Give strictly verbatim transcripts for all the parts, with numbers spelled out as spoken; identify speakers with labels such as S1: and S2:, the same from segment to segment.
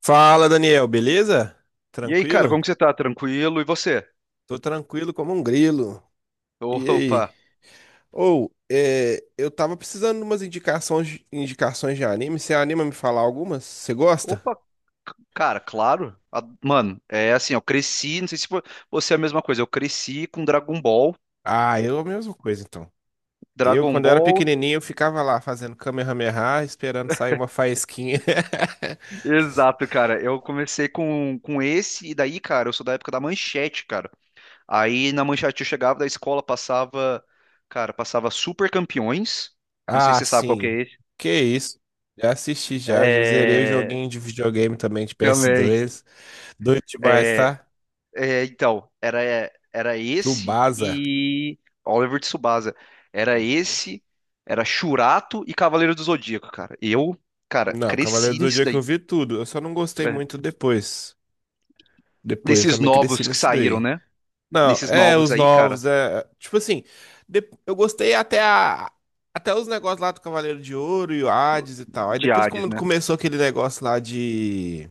S1: Fala, Daniel, beleza?
S2: E aí, cara,
S1: Tranquilo?
S2: como que você tá? Tranquilo? E você?
S1: Tô tranquilo como um grilo. E aí?
S2: Opa!
S1: Ou, é, eu tava precisando de umas indicações, indicações de anime. Você anima a me falar algumas? Você gosta?
S2: Opa, c- cara, claro. A- Mano, é assim, eu cresci, não sei se vo- você é a mesma coisa, eu cresci com Dragon Ball.
S1: Ah, eu a mesma coisa, então. Eu,
S2: Dragon
S1: quando eu era
S2: Ball.
S1: pequenininho, eu ficava lá fazendo Kamehameha, esperando sair uma faísquinha.
S2: Exato, cara. Eu comecei com, com esse, e daí, cara, eu sou da época da Manchete, cara. Aí na Manchete eu chegava da escola, passava, cara, passava Super Campeões. Não sei se
S1: Ah,
S2: você sabe qual que
S1: sim.
S2: é esse.
S1: Que isso? Já assisti já, já zerei o
S2: É.
S1: joguinho de videogame também de
S2: Também.
S1: P S dois. Doido demais,
S2: É,
S1: tá?
S2: É, então, era, era esse
S1: Tsubasa.
S2: e Oliver de Tsubasa. Era esse, era Shurato e Cavaleiro do Zodíaco, cara. Eu, cara,
S1: Não, Cavaleiro
S2: cresci
S1: do
S2: nisso
S1: Zodíaco eu
S2: daí.
S1: vi tudo. Eu só não gostei
S2: Né?
S1: muito depois. Depois, eu
S2: Nesses
S1: também cresci
S2: novos que
S1: nesse
S2: saíram,
S1: daí.
S2: né?
S1: Não,
S2: Nesses
S1: é,
S2: novos
S1: os
S2: aí, cara,
S1: novos, é. Tipo assim, de- eu gostei até a. Até os negócios lá do Cavaleiro de Ouro e o Hades e tal. Aí
S2: de
S1: depois,
S2: Hades,
S1: quando
S2: né?
S1: começou aquele negócio lá de.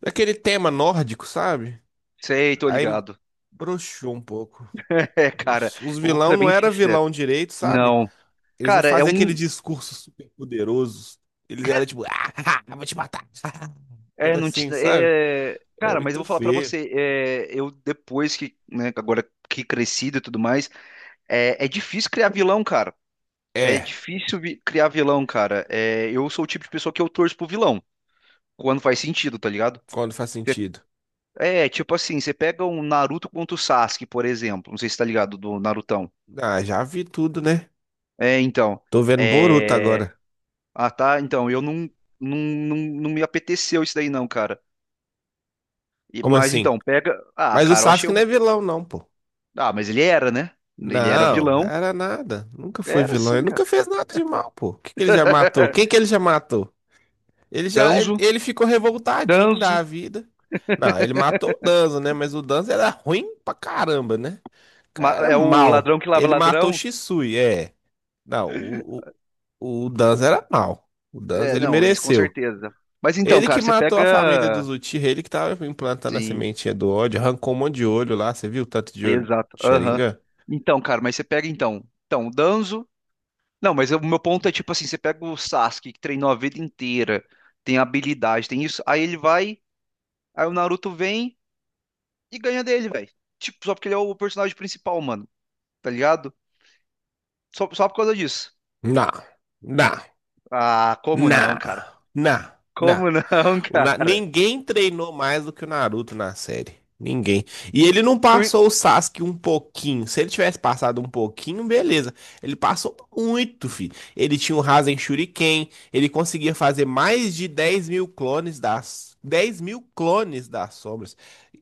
S1: Daquele tema nórdico, sabe?
S2: Sei, tô
S1: Aí
S2: ligado.
S1: broxou um pouco.
S2: É, cara,
S1: Os, os
S2: eu vou
S1: vilão
S2: ser
S1: não
S2: bem
S1: era
S2: sincero.
S1: vilão direito, sabe?
S2: Não.
S1: Eles não
S2: Cara, é
S1: faziam aquele
S2: um.
S1: discurso super poderoso. Eles eram tipo, ah, vou te matar.
S2: É,
S1: Era
S2: não te.
S1: assim, sabe?
S2: É.
S1: Era
S2: Cara, mas eu
S1: muito
S2: vou falar pra
S1: feio.
S2: você. É, eu, depois que. Né, agora que crescido e tudo mais. É, é difícil criar vilão, cara. É
S1: É,
S2: difícil vi- criar vilão, cara. É, eu sou o tipo de pessoa que eu torço pro vilão, quando faz sentido, tá ligado?
S1: quando faz
S2: Cê-
S1: sentido.
S2: É, tipo assim, você pega um Naruto contra o Sasuke, por exemplo. Não sei se tá ligado do Narutão.
S1: Ah, já vi tudo, né?
S2: É, então.
S1: Tô vendo Boruto
S2: É.
S1: agora.
S2: Ah, tá. Então, eu não, não, não, não me apeteceu isso daí, não, cara. E-
S1: Como
S2: mas
S1: assim?
S2: então, pega. Ah,
S1: Mas o
S2: cara, eu achei.
S1: Sasuke não é
S2: um-
S1: vilão, não, pô.
S2: Ah, mas ele era, né? Ele era
S1: Não,
S2: vilão.
S1: era nada. Nunca foi
S2: Era
S1: vilão.
S2: sim,
S1: Ele nunca
S2: cara.
S1: fez nada de mal, pô. O que que ele já matou? Quem que ele já matou? Ele já, ele,
S2: Danzo.
S1: ele ficou revoltadinho
S2: Danzo.
S1: da vida. Não, ele matou o Danzo, né? Mas o Danzo era ruim pra caramba, né? O cara
S2: ma-
S1: era
S2: É o
S1: mal.
S2: ladrão que lava
S1: Ele matou o
S2: ladrão.
S1: Shisui, é. Não, o, o, o Danzo era mal. O Danzo,
S2: É,
S1: ele
S2: não, isso com
S1: mereceu.
S2: certeza. Mas então,
S1: Ele que
S2: cara, você
S1: matou a família dos
S2: pega.
S1: Uchiha, ele que tava implantando a
S2: Sim,
S1: sementinha do ódio, arrancou um monte de olho lá, você viu o tanto de olho
S2: exato.
S1: de
S2: Aham.
S1: Sharingan?
S2: Então, cara, mas você pega então. Então, o Danzo. Não, mas o meu ponto é tipo assim: você pega o Sasuke, que treinou a vida inteira, tem habilidade, tem isso. Aí ele vai, aí o Naruto vem e ganha dele, velho. Tipo, só porque ele é o personagem principal, mano. Tá ligado? Só, só por causa disso.
S1: Não, não,
S2: Ah, como
S1: não,
S2: não, cara?
S1: não, não.
S2: Como não,
S1: O Na-
S2: cara?
S1: Ninguém treinou mais do que o Naruto na série. Ninguém. E ele não
S2: Por.
S1: passou o Sasuke um pouquinho. Se ele tivesse passado um pouquinho, beleza. Ele passou muito, filho. Ele tinha o Rasen Shuriken. Ele conseguia fazer mais de dez mil clones das. dez mil clones das sombras.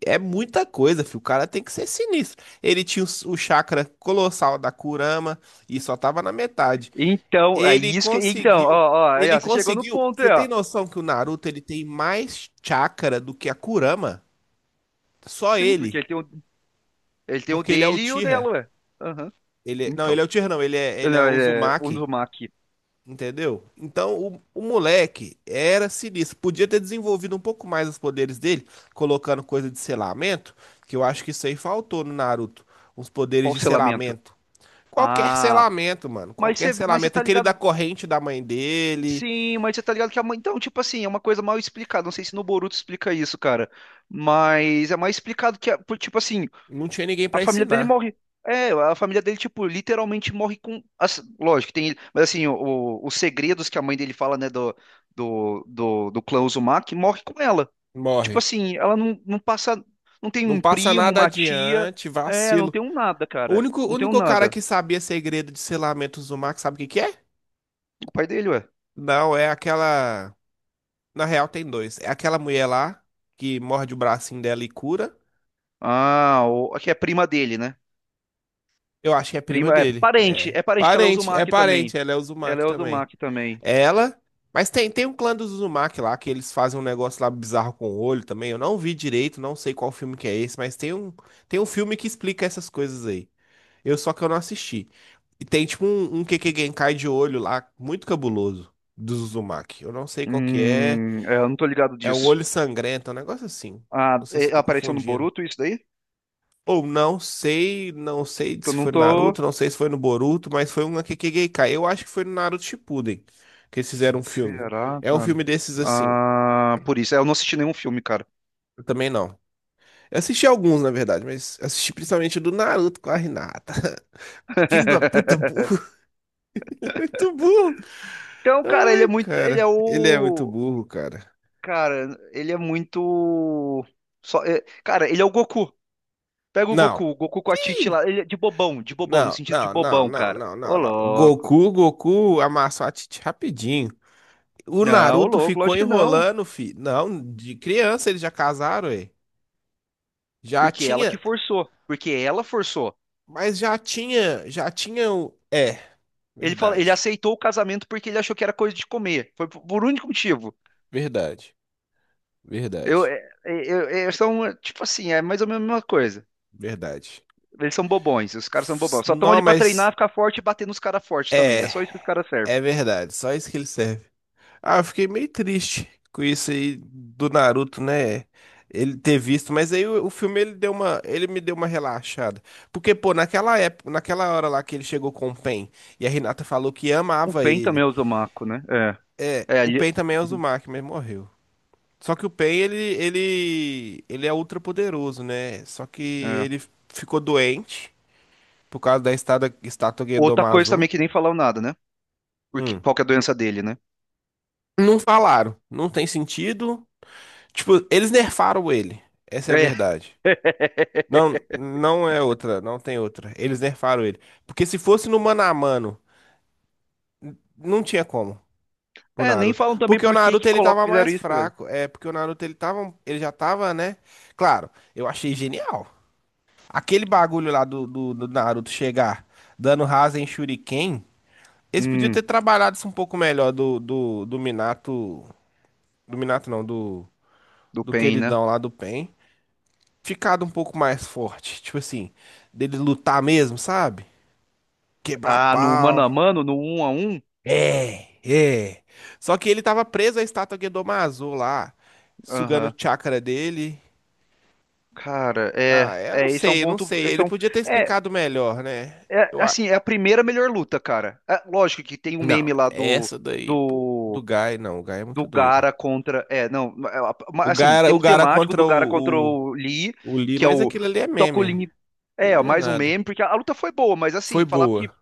S1: É muita coisa, filho. O cara tem que ser sinistro. Ele tinha o, o chakra colossal da Kurama e só tava na metade.
S2: Então, é
S1: Ele
S2: isso que. Então, ó,
S1: conseguiu.
S2: ó, aí,
S1: Ele
S2: ó, você chegou no
S1: conseguiu.
S2: ponto
S1: Você
S2: aí,
S1: tem
S2: ó.
S1: noção que o Naruto ele tem mais chakra do que a Kurama? Só
S2: Sim, porque
S1: ele.
S2: ele tem o ele tem o
S1: Porque ele é o
S2: dele e o dela,
S1: Tira.
S2: ué. Aham.
S1: Ele, é- não,
S2: Então.
S1: ele é o Tira, não. Ele é, ele
S2: Não,
S1: é o
S2: é, vamos.
S1: Uzumaki. Entendeu? Então o, o moleque era sinistro. Podia ter desenvolvido um pouco mais os poderes dele, colocando coisa de selamento. Que eu acho que isso aí faltou no Naruto. Uns poderes
S2: Qual
S1: de
S2: o selamento?
S1: selamento. Qualquer
S2: Ah,
S1: selamento, mano.
S2: mas
S1: Qualquer
S2: você, mas você
S1: selamento.
S2: tá
S1: Aquele da
S2: ligado.
S1: corrente da mãe dele.
S2: Sim, mas você tá ligado que a mãe. Então, tipo assim, é uma coisa mal explicada. Não sei se no Boruto explica isso, cara. Mas é mais explicado que, a- por- tipo assim,
S1: Não tinha ninguém
S2: a
S1: pra
S2: família dele
S1: ensinar.
S2: morre. É, a família dele, tipo, literalmente morre com. as- Lógico, tem. Mas assim, o- o- os segredos que a mãe dele fala, né, do, do, do, do clã Uzumaki, morre com ela. Tipo
S1: Morre.
S2: assim, ela não, não passa. Não tem
S1: Não
S2: um
S1: passa
S2: primo,
S1: nada
S2: uma tia.
S1: adiante,
S2: É, não
S1: vacilo.
S2: tem um nada,
S1: O
S2: cara.
S1: único, o
S2: Não tem um
S1: único cara
S2: nada.
S1: que sabia segredo de selamentos do sabe o que que é?
S2: O pai dele, ué.
S1: Não, é aquela. Na real, tem dois. É aquela mulher lá que morde o bracinho dela e cura.
S2: Ah, o, aqui é prima dele, né?
S1: Eu acho que é prima
S2: Prima, é
S1: dele.
S2: parente.
S1: É.
S2: É parente que ela usa o
S1: Parente, é
S2: Mac
S1: parente.
S2: também.
S1: Ela é
S2: Ela
S1: Uzumaki
S2: é usa o
S1: também.
S2: Mac também.
S1: É ela. Mas tem, tem um clã dos Uzumaki lá que eles fazem um negócio lá bizarro com o olho também. Eu não vi direito, não sei qual filme que é esse, mas tem um, tem um filme que explica essas coisas aí. Eu só que eu não assisti. E tem tipo um, um Keke Genkai de olho lá, muito cabuloso, do Uzumaki. Eu não sei qual que é.
S2: Hum, é, eu não tô ligado
S1: É um
S2: disso.
S1: olho sangrento, é um negócio assim.
S2: Ah,
S1: Não sei se
S2: é-
S1: eu
S2: ela
S1: tô
S2: apareceu no
S1: confundindo.
S2: Boruto, isso daí?
S1: Ou não sei, não sei
S2: Que
S1: se
S2: eu não
S1: foi no
S2: tô.
S1: Naruto, não sei se foi no Boruto, mas foi um Kekkei Genkai. Eu acho que foi no Naruto Shippuden que eles fizeram um filme.
S2: Será,
S1: É um
S2: cara?
S1: filme desses assim.
S2: Ah, por isso. É, eu não assisti nenhum filme, cara.
S1: Eu também não. Eu assisti alguns, na verdade, mas assisti principalmente o do Naruto com a Hinata. Filho da puta, burro. Muito burro.
S2: Então, cara, ele é
S1: Ai,
S2: muito. Ele
S1: cara.
S2: é
S1: Ele é muito
S2: o.
S1: burro, cara.
S2: Cara, ele é muito. Só, é- Cara, ele é o Goku. Pega o
S1: Não.
S2: Goku, o Goku com a Titi lá. Ele é de bobão, de bobão, no
S1: Não,
S2: sentido de
S1: não, não,
S2: bobão,
S1: não,
S2: cara.
S1: não,
S2: Ô,
S1: não, não. O
S2: louco.
S1: Goku, Goku amassou a Titi rapidinho. O
S2: Não, ô,
S1: Naruto
S2: louco,
S1: ficou
S2: lógico que não.
S1: enrolando, fi. Não, de criança eles já casaram, ué. Já
S2: Porque ela
S1: tinha,
S2: que forçou. Porque ela forçou.
S1: mas já tinha, já tinha o... É,
S2: Ele fala, ele
S1: verdade,
S2: aceitou o casamento porque ele achou que era coisa de comer. Foi por por único motivo.
S1: verdade,
S2: Eu,
S1: verdade,
S2: é- é- eu, é- são, é, tipo assim, é mais ou menos a mesma coisa.
S1: verdade.
S2: Eles são bobões, os caras são bobões. Só estão
S1: Não,
S2: ali pra treinar,
S1: mas
S2: ficar forte e bater nos caras fortes também. É
S1: é,
S2: só isso que os caras servem.
S1: é verdade. Só isso que ele serve. Ah, eu fiquei meio triste com isso aí do Naruto, né? Ele ter visto, mas aí o, o filme ele deu uma, ele me deu uma relaxada. Porque, pô, naquela época, naquela hora lá que ele chegou com o Pen e a Renata falou que
S2: O
S1: amava
S2: Pen também
S1: ele.
S2: é o Zomaco, né? É. É,
S1: O
S2: ali-
S1: Pen também é Uzumaki, mas morreu. Só que o Pen ele ele ele é ultra poderoso, né? Só que
S2: é.
S1: ele ficou doente por causa da estada- estátua
S2: Outra coisa
S1: Gedomazo.
S2: também que nem falaram nada, né? Porque,
S1: Hum.
S2: qual que é a doença dele, né?
S1: Não falaram, não tem sentido. Tipo, eles nerfaram ele. Essa é a
S2: É,
S1: verdade. Não, não é outra, não tem outra. Eles nerfaram ele. Porque se fosse no mano a mano, não tinha como pro
S2: é nem
S1: Naruto.
S2: falam também
S1: Porque o
S2: por que
S1: Naruto
S2: que
S1: ele
S2: colocam,
S1: tava
S2: fizeram
S1: mais
S2: isso, velho.
S1: fraco. É, porque o Naruto ele tava, ele já tava, né? Claro, eu achei genial. Aquele bagulho lá do, do, do Naruto chegar dando rasa em Shuriken, eles podiam
S2: Hum,
S1: ter trabalhado isso um pouco melhor do, do, do Minato, do Minato não, do,
S2: do
S1: do
S2: Pain, né?
S1: queridão lá do Pen, ficado um pouco mais forte, tipo assim, dele lutar mesmo, sabe? Quebrar
S2: Ah, no mano
S1: pau.
S2: a mano, no um a um?
S1: É, é. Só que ele tava preso à estátua Gedomazo lá, sugando o
S2: Aham.
S1: chakra dele.
S2: Cara,
S1: Ah,
S2: é,
S1: é, eu não
S2: é, esse é um
S1: sei, eu não
S2: ponto,
S1: sei.
S2: esse
S1: Ele
S2: é um,
S1: podia ter
S2: é,
S1: explicado melhor, né?
S2: é,
S1: Eu a-
S2: assim, é a primeira melhor luta, cara. É, lógico que tem o
S1: Não,
S2: meme lá do,
S1: essa daí pu- do
S2: do
S1: Gai, não, o Gai é muito
S2: do
S1: doido.
S2: Gara contra. É, não, é, a-
S1: O
S2: ma-
S1: Gai
S2: assim,
S1: era,
S2: tem
S1: o
S2: um
S1: Gai era
S2: temático
S1: contra
S2: do Gara contra
S1: o, o,
S2: o Lee,
S1: o Lee,
S2: que é
S1: mas
S2: o
S1: aquilo ali é meme.
S2: Tocolini.
S1: Aquilo
S2: É,
S1: ali é
S2: mais um
S1: nada.
S2: meme, porque a, a luta foi boa, mas
S1: Foi
S2: assim, falar que
S1: boa.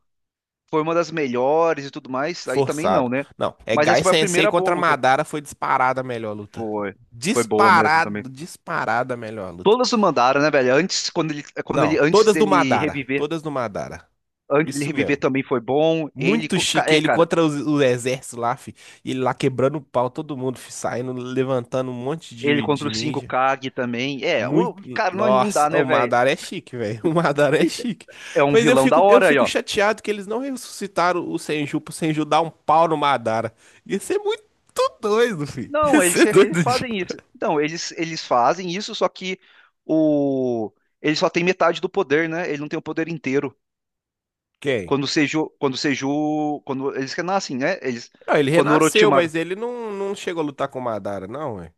S2: foi uma das melhores e tudo mais, aí também não,
S1: Forçado.
S2: né?
S1: Não, é
S2: Mas essa
S1: Gai
S2: foi a
S1: Sensei
S2: primeira boa
S1: contra
S2: luta.
S1: Madara foi disparada a melhor luta.
S2: Foi. Foi boa mesmo também.
S1: Disparado, disparada a melhor luta.
S2: Todas o mandaram, né, velho? Antes, quando ele, quando
S1: Não,
S2: ele, antes
S1: todas do
S2: dele
S1: Madara.
S2: reviver,
S1: Todas do Madara.
S2: antes dele
S1: Isso
S2: reviver
S1: mesmo.
S2: também foi bom. Ele,
S1: Muito
S2: co- ca-
S1: chique.
S2: é,
S1: Ele
S2: cara,
S1: contra os- o exército lá, fi. E ele lá quebrando o pau, todo mundo, fi, saindo, levantando um monte
S2: ele
S1: de,
S2: contra
S1: de
S2: o cinco
S1: ninja.
S2: Kag também. É, o,
S1: Muito.
S2: cara, não, não
S1: Nossa,
S2: dá, né,
S1: o
S2: velho?
S1: Madara é chique, velho. O Madara é
S2: Eita,
S1: chique.
S2: é um
S1: Mas eu
S2: vilão da
S1: fico, eu
S2: hora aí,
S1: fico
S2: ó.
S1: chateado que eles não ressuscitaram o Senju pro Senju dar um pau no Madara. Ia ser muito doido, fi. Ia
S2: Não, eles,
S1: ser
S2: eles
S1: doido de.
S2: fazem isso. Então, eles, eles fazem isso, só que o ele só tem metade do poder, né? Ele não tem o poder inteiro.
S1: Quem?
S2: Quando o Seju, quando o Seju, quando eles renascem, né? Eles
S1: Não, ele
S2: quando o
S1: renasceu,
S2: Orochimaru.
S1: mas ele não, não chegou a lutar com o Madara, não, ué.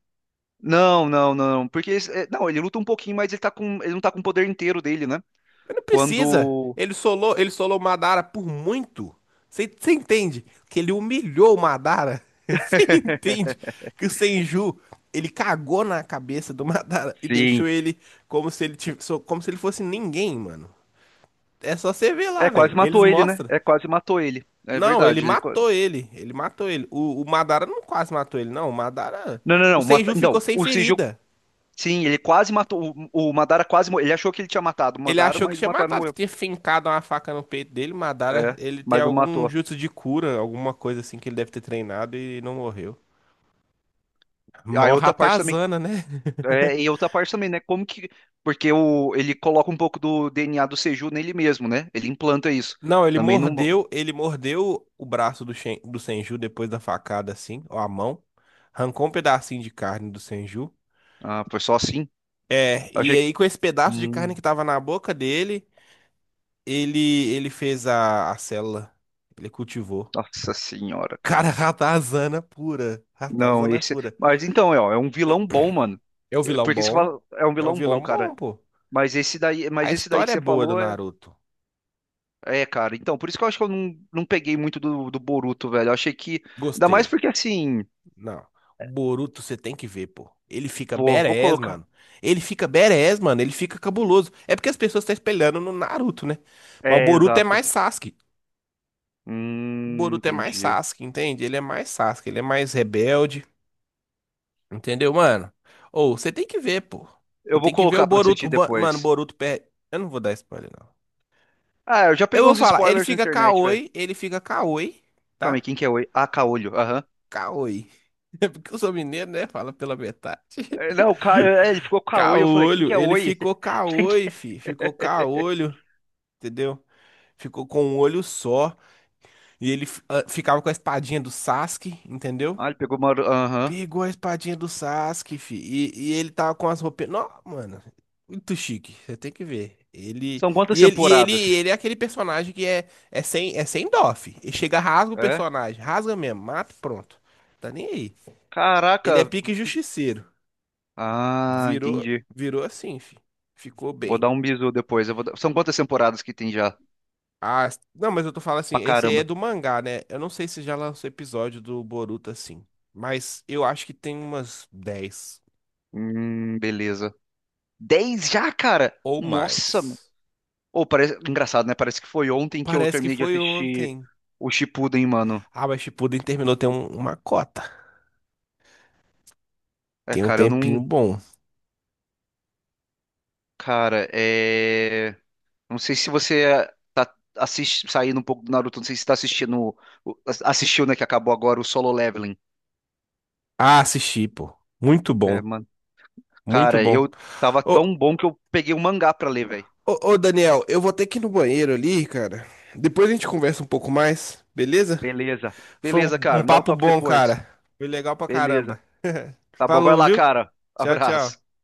S2: Não, não, não, porque eles- é, não, ele luta um pouquinho, mas ele tá com ele não tá com o poder inteiro dele, né?
S1: Mas não precisa.
S2: Quando
S1: Ele solou, ele solou o Madara por muito. Você entende que ele humilhou o Madara? Você entende que o Senju, ele cagou na cabeça do Madara e
S2: Sim.
S1: deixou ele como se ele tivesse, como se ele fosse ninguém, mano. É só você ver lá,
S2: É, quase
S1: velho. Eles
S2: matou ele, né?
S1: mostram.
S2: É, quase matou ele. É
S1: Não, ele
S2: verdade. Ele. qua-
S1: matou ele. Ele matou ele. O, o Madara não quase matou ele, não. O Madara.
S2: Não, não,
S1: O
S2: não. mata-
S1: Senju ficou
S2: Então,
S1: sem
S2: o Seju,
S1: ferida.
S2: sim, ele quase matou. O, o Madara quase morreu. Ele achou que ele tinha matado o
S1: Ele
S2: Madara,
S1: achou que
S2: mas o
S1: tinha
S2: Madara não
S1: matado, que
S2: morreu.
S1: tinha fincado uma faca no peito dele, mataram.
S2: É,
S1: Ele tem
S2: mas não
S1: algum
S2: matou.
S1: jutsu de cura, alguma coisa assim que ele deve ter treinado e não morreu.
S2: Aí
S1: Mó
S2: outra parte também,
S1: ratazana, né?
S2: é, e outra parte também, né? Como que, porque o, ele coloca um pouco do D N A do Seju nele mesmo, né? Ele implanta isso.
S1: Não, ele
S2: Também não,
S1: mordeu, ele mordeu o braço do, Shen- do Senju depois da facada, assim, ou a mão. Arrancou um pedacinho de carne do Senju.
S2: ah, foi só assim.
S1: É, e
S2: Achei, que-
S1: aí com esse pedaço de carne
S2: hum,
S1: que tava na boca dele, ele ele fez a, a célula. Ele cultivou.
S2: nossa senhora, cara.
S1: Cara, ratazana pura.
S2: Não,
S1: Ratazana
S2: esse,
S1: pura.
S2: mas então é, ó, é um vilão bom, mano.
S1: É um
S2: É,
S1: vilão
S2: porque você
S1: bom.
S2: fala, é um
S1: É um
S2: vilão bom,
S1: vilão bom,
S2: cara.
S1: pô.
S2: Mas esse daí,
S1: A
S2: mas esse daí que
S1: história é
S2: você
S1: boa do
S2: falou é,
S1: Naruto.
S2: é, cara. Então, por isso que eu acho que eu não, não peguei muito do, do Boruto, velho. Eu achei que, ainda mais
S1: Gostei.
S2: porque assim,
S1: Não. Boruto você tem que ver, pô. Ele fica
S2: vou, vou
S1: badass,
S2: colocar.
S1: mano. Ele fica badass, mano. Ele fica cabuloso. É porque as pessoas estão espelhando no Naruto, né? Mas o
S2: É,
S1: Boruto é
S2: exato.
S1: mais Sasuke. O
S2: Hum,
S1: Boruto é mais
S2: entendi.
S1: Sasuke, entende? Ele é mais Sasuke. Ele é mais rebelde. Entendeu, mano? Ou você tem que ver, pô.
S2: Eu
S1: Você
S2: vou
S1: tem que ver o
S2: colocar pra
S1: Boruto.
S2: assistir
S1: O Bo- Mano, o
S2: depois.
S1: Boruto perde. Eu não vou dar spoiler, não.
S2: Ah, eu já
S1: Eu
S2: peguei
S1: vou
S2: uns
S1: falar. Ele
S2: spoilers na
S1: fica
S2: internet, velho.
S1: Kaoi. Ele fica Kaoi.
S2: Calma aí,
S1: Tá?
S2: quem que é Oi? Ah, Caolho, aham.
S1: Caoi. É porque eu sou mineiro, né? Fala pela metade.
S2: É, não, Ca... é, ele ficou Caolho, eu falei, quem
S1: Caolho.
S2: que é
S1: Ele
S2: Oi?
S1: ficou
S2: Quem que
S1: caoi, fi. Ficou
S2: é?
S1: caolho, entendeu? Ficou com um olho só. E ele fi- ah, ficava com a espadinha do Sasuke, entendeu?
S2: Ah, ele pegou uma. Aham.
S1: Pegou a espadinha do Sasuke, fi. E, e ele tava com as roupas. Não, mano. Muito chique. Você tem que ver. Ele.
S2: São quantas
S1: E ele, e ele,
S2: temporadas?
S1: ele é aquele personagem que é, é sem, é sem dó, fi. Ele chega, rasga o
S2: É?
S1: personagem. Rasga mesmo, mata, e pronto. Tá nem aí. Ele é
S2: Caraca.
S1: pique justiceiro.
S2: Ah,
S1: Virou,
S2: entendi.
S1: virou assim, fi. Ficou
S2: Vou
S1: bem.
S2: dar um bisu depois. eu vou dar- São quantas temporadas que tem já?
S1: Ah, não, mas eu tô falando assim,
S2: Pra
S1: esse aí é
S2: caramba.
S1: do mangá, né? Eu não sei se já lançou episódio do Boruto assim, mas eu acho que tem umas dez
S2: Hum, beleza. Dez já, cara?
S1: ou
S2: Nossa,
S1: mais.
S2: ou parece engraçado, né? Parece que foi ontem que eu
S1: Parece que
S2: terminei de
S1: foi
S2: assistir
S1: ontem.
S2: o Shippuden, mano.
S1: Ah, mas Shippuden terminou tem um- uma cota.
S2: É,
S1: Tem um
S2: cara, eu
S1: tempinho
S2: não,
S1: bom.
S2: cara, é, não sei se você é, tá assist... saindo um pouco do Naruto, não sei se você tá assistindo, o- assistiu, né, que acabou agora o Solo Leveling.
S1: Ah, assisti, pô. Muito
S2: É,
S1: bom,
S2: mano.
S1: muito
S2: Cara,
S1: bom.
S2: eu tava tão
S1: Ô,
S2: bom que eu peguei um mangá pra ler, velho.
S1: ô, ô, Daniel, eu vou ter que ir no banheiro ali, cara. Depois a gente conversa um pouco mais, beleza?
S2: Beleza.
S1: Foi
S2: Beleza,
S1: um
S2: cara,
S1: um
S2: me dá um
S1: papo
S2: toque
S1: bom,
S2: depois.
S1: cara. Foi legal pra caramba.
S2: Beleza. Tá bom, vai
S1: Falou,
S2: lá,
S1: viu?
S2: cara.
S1: Tchau,
S2: Abraço.
S1: tchau.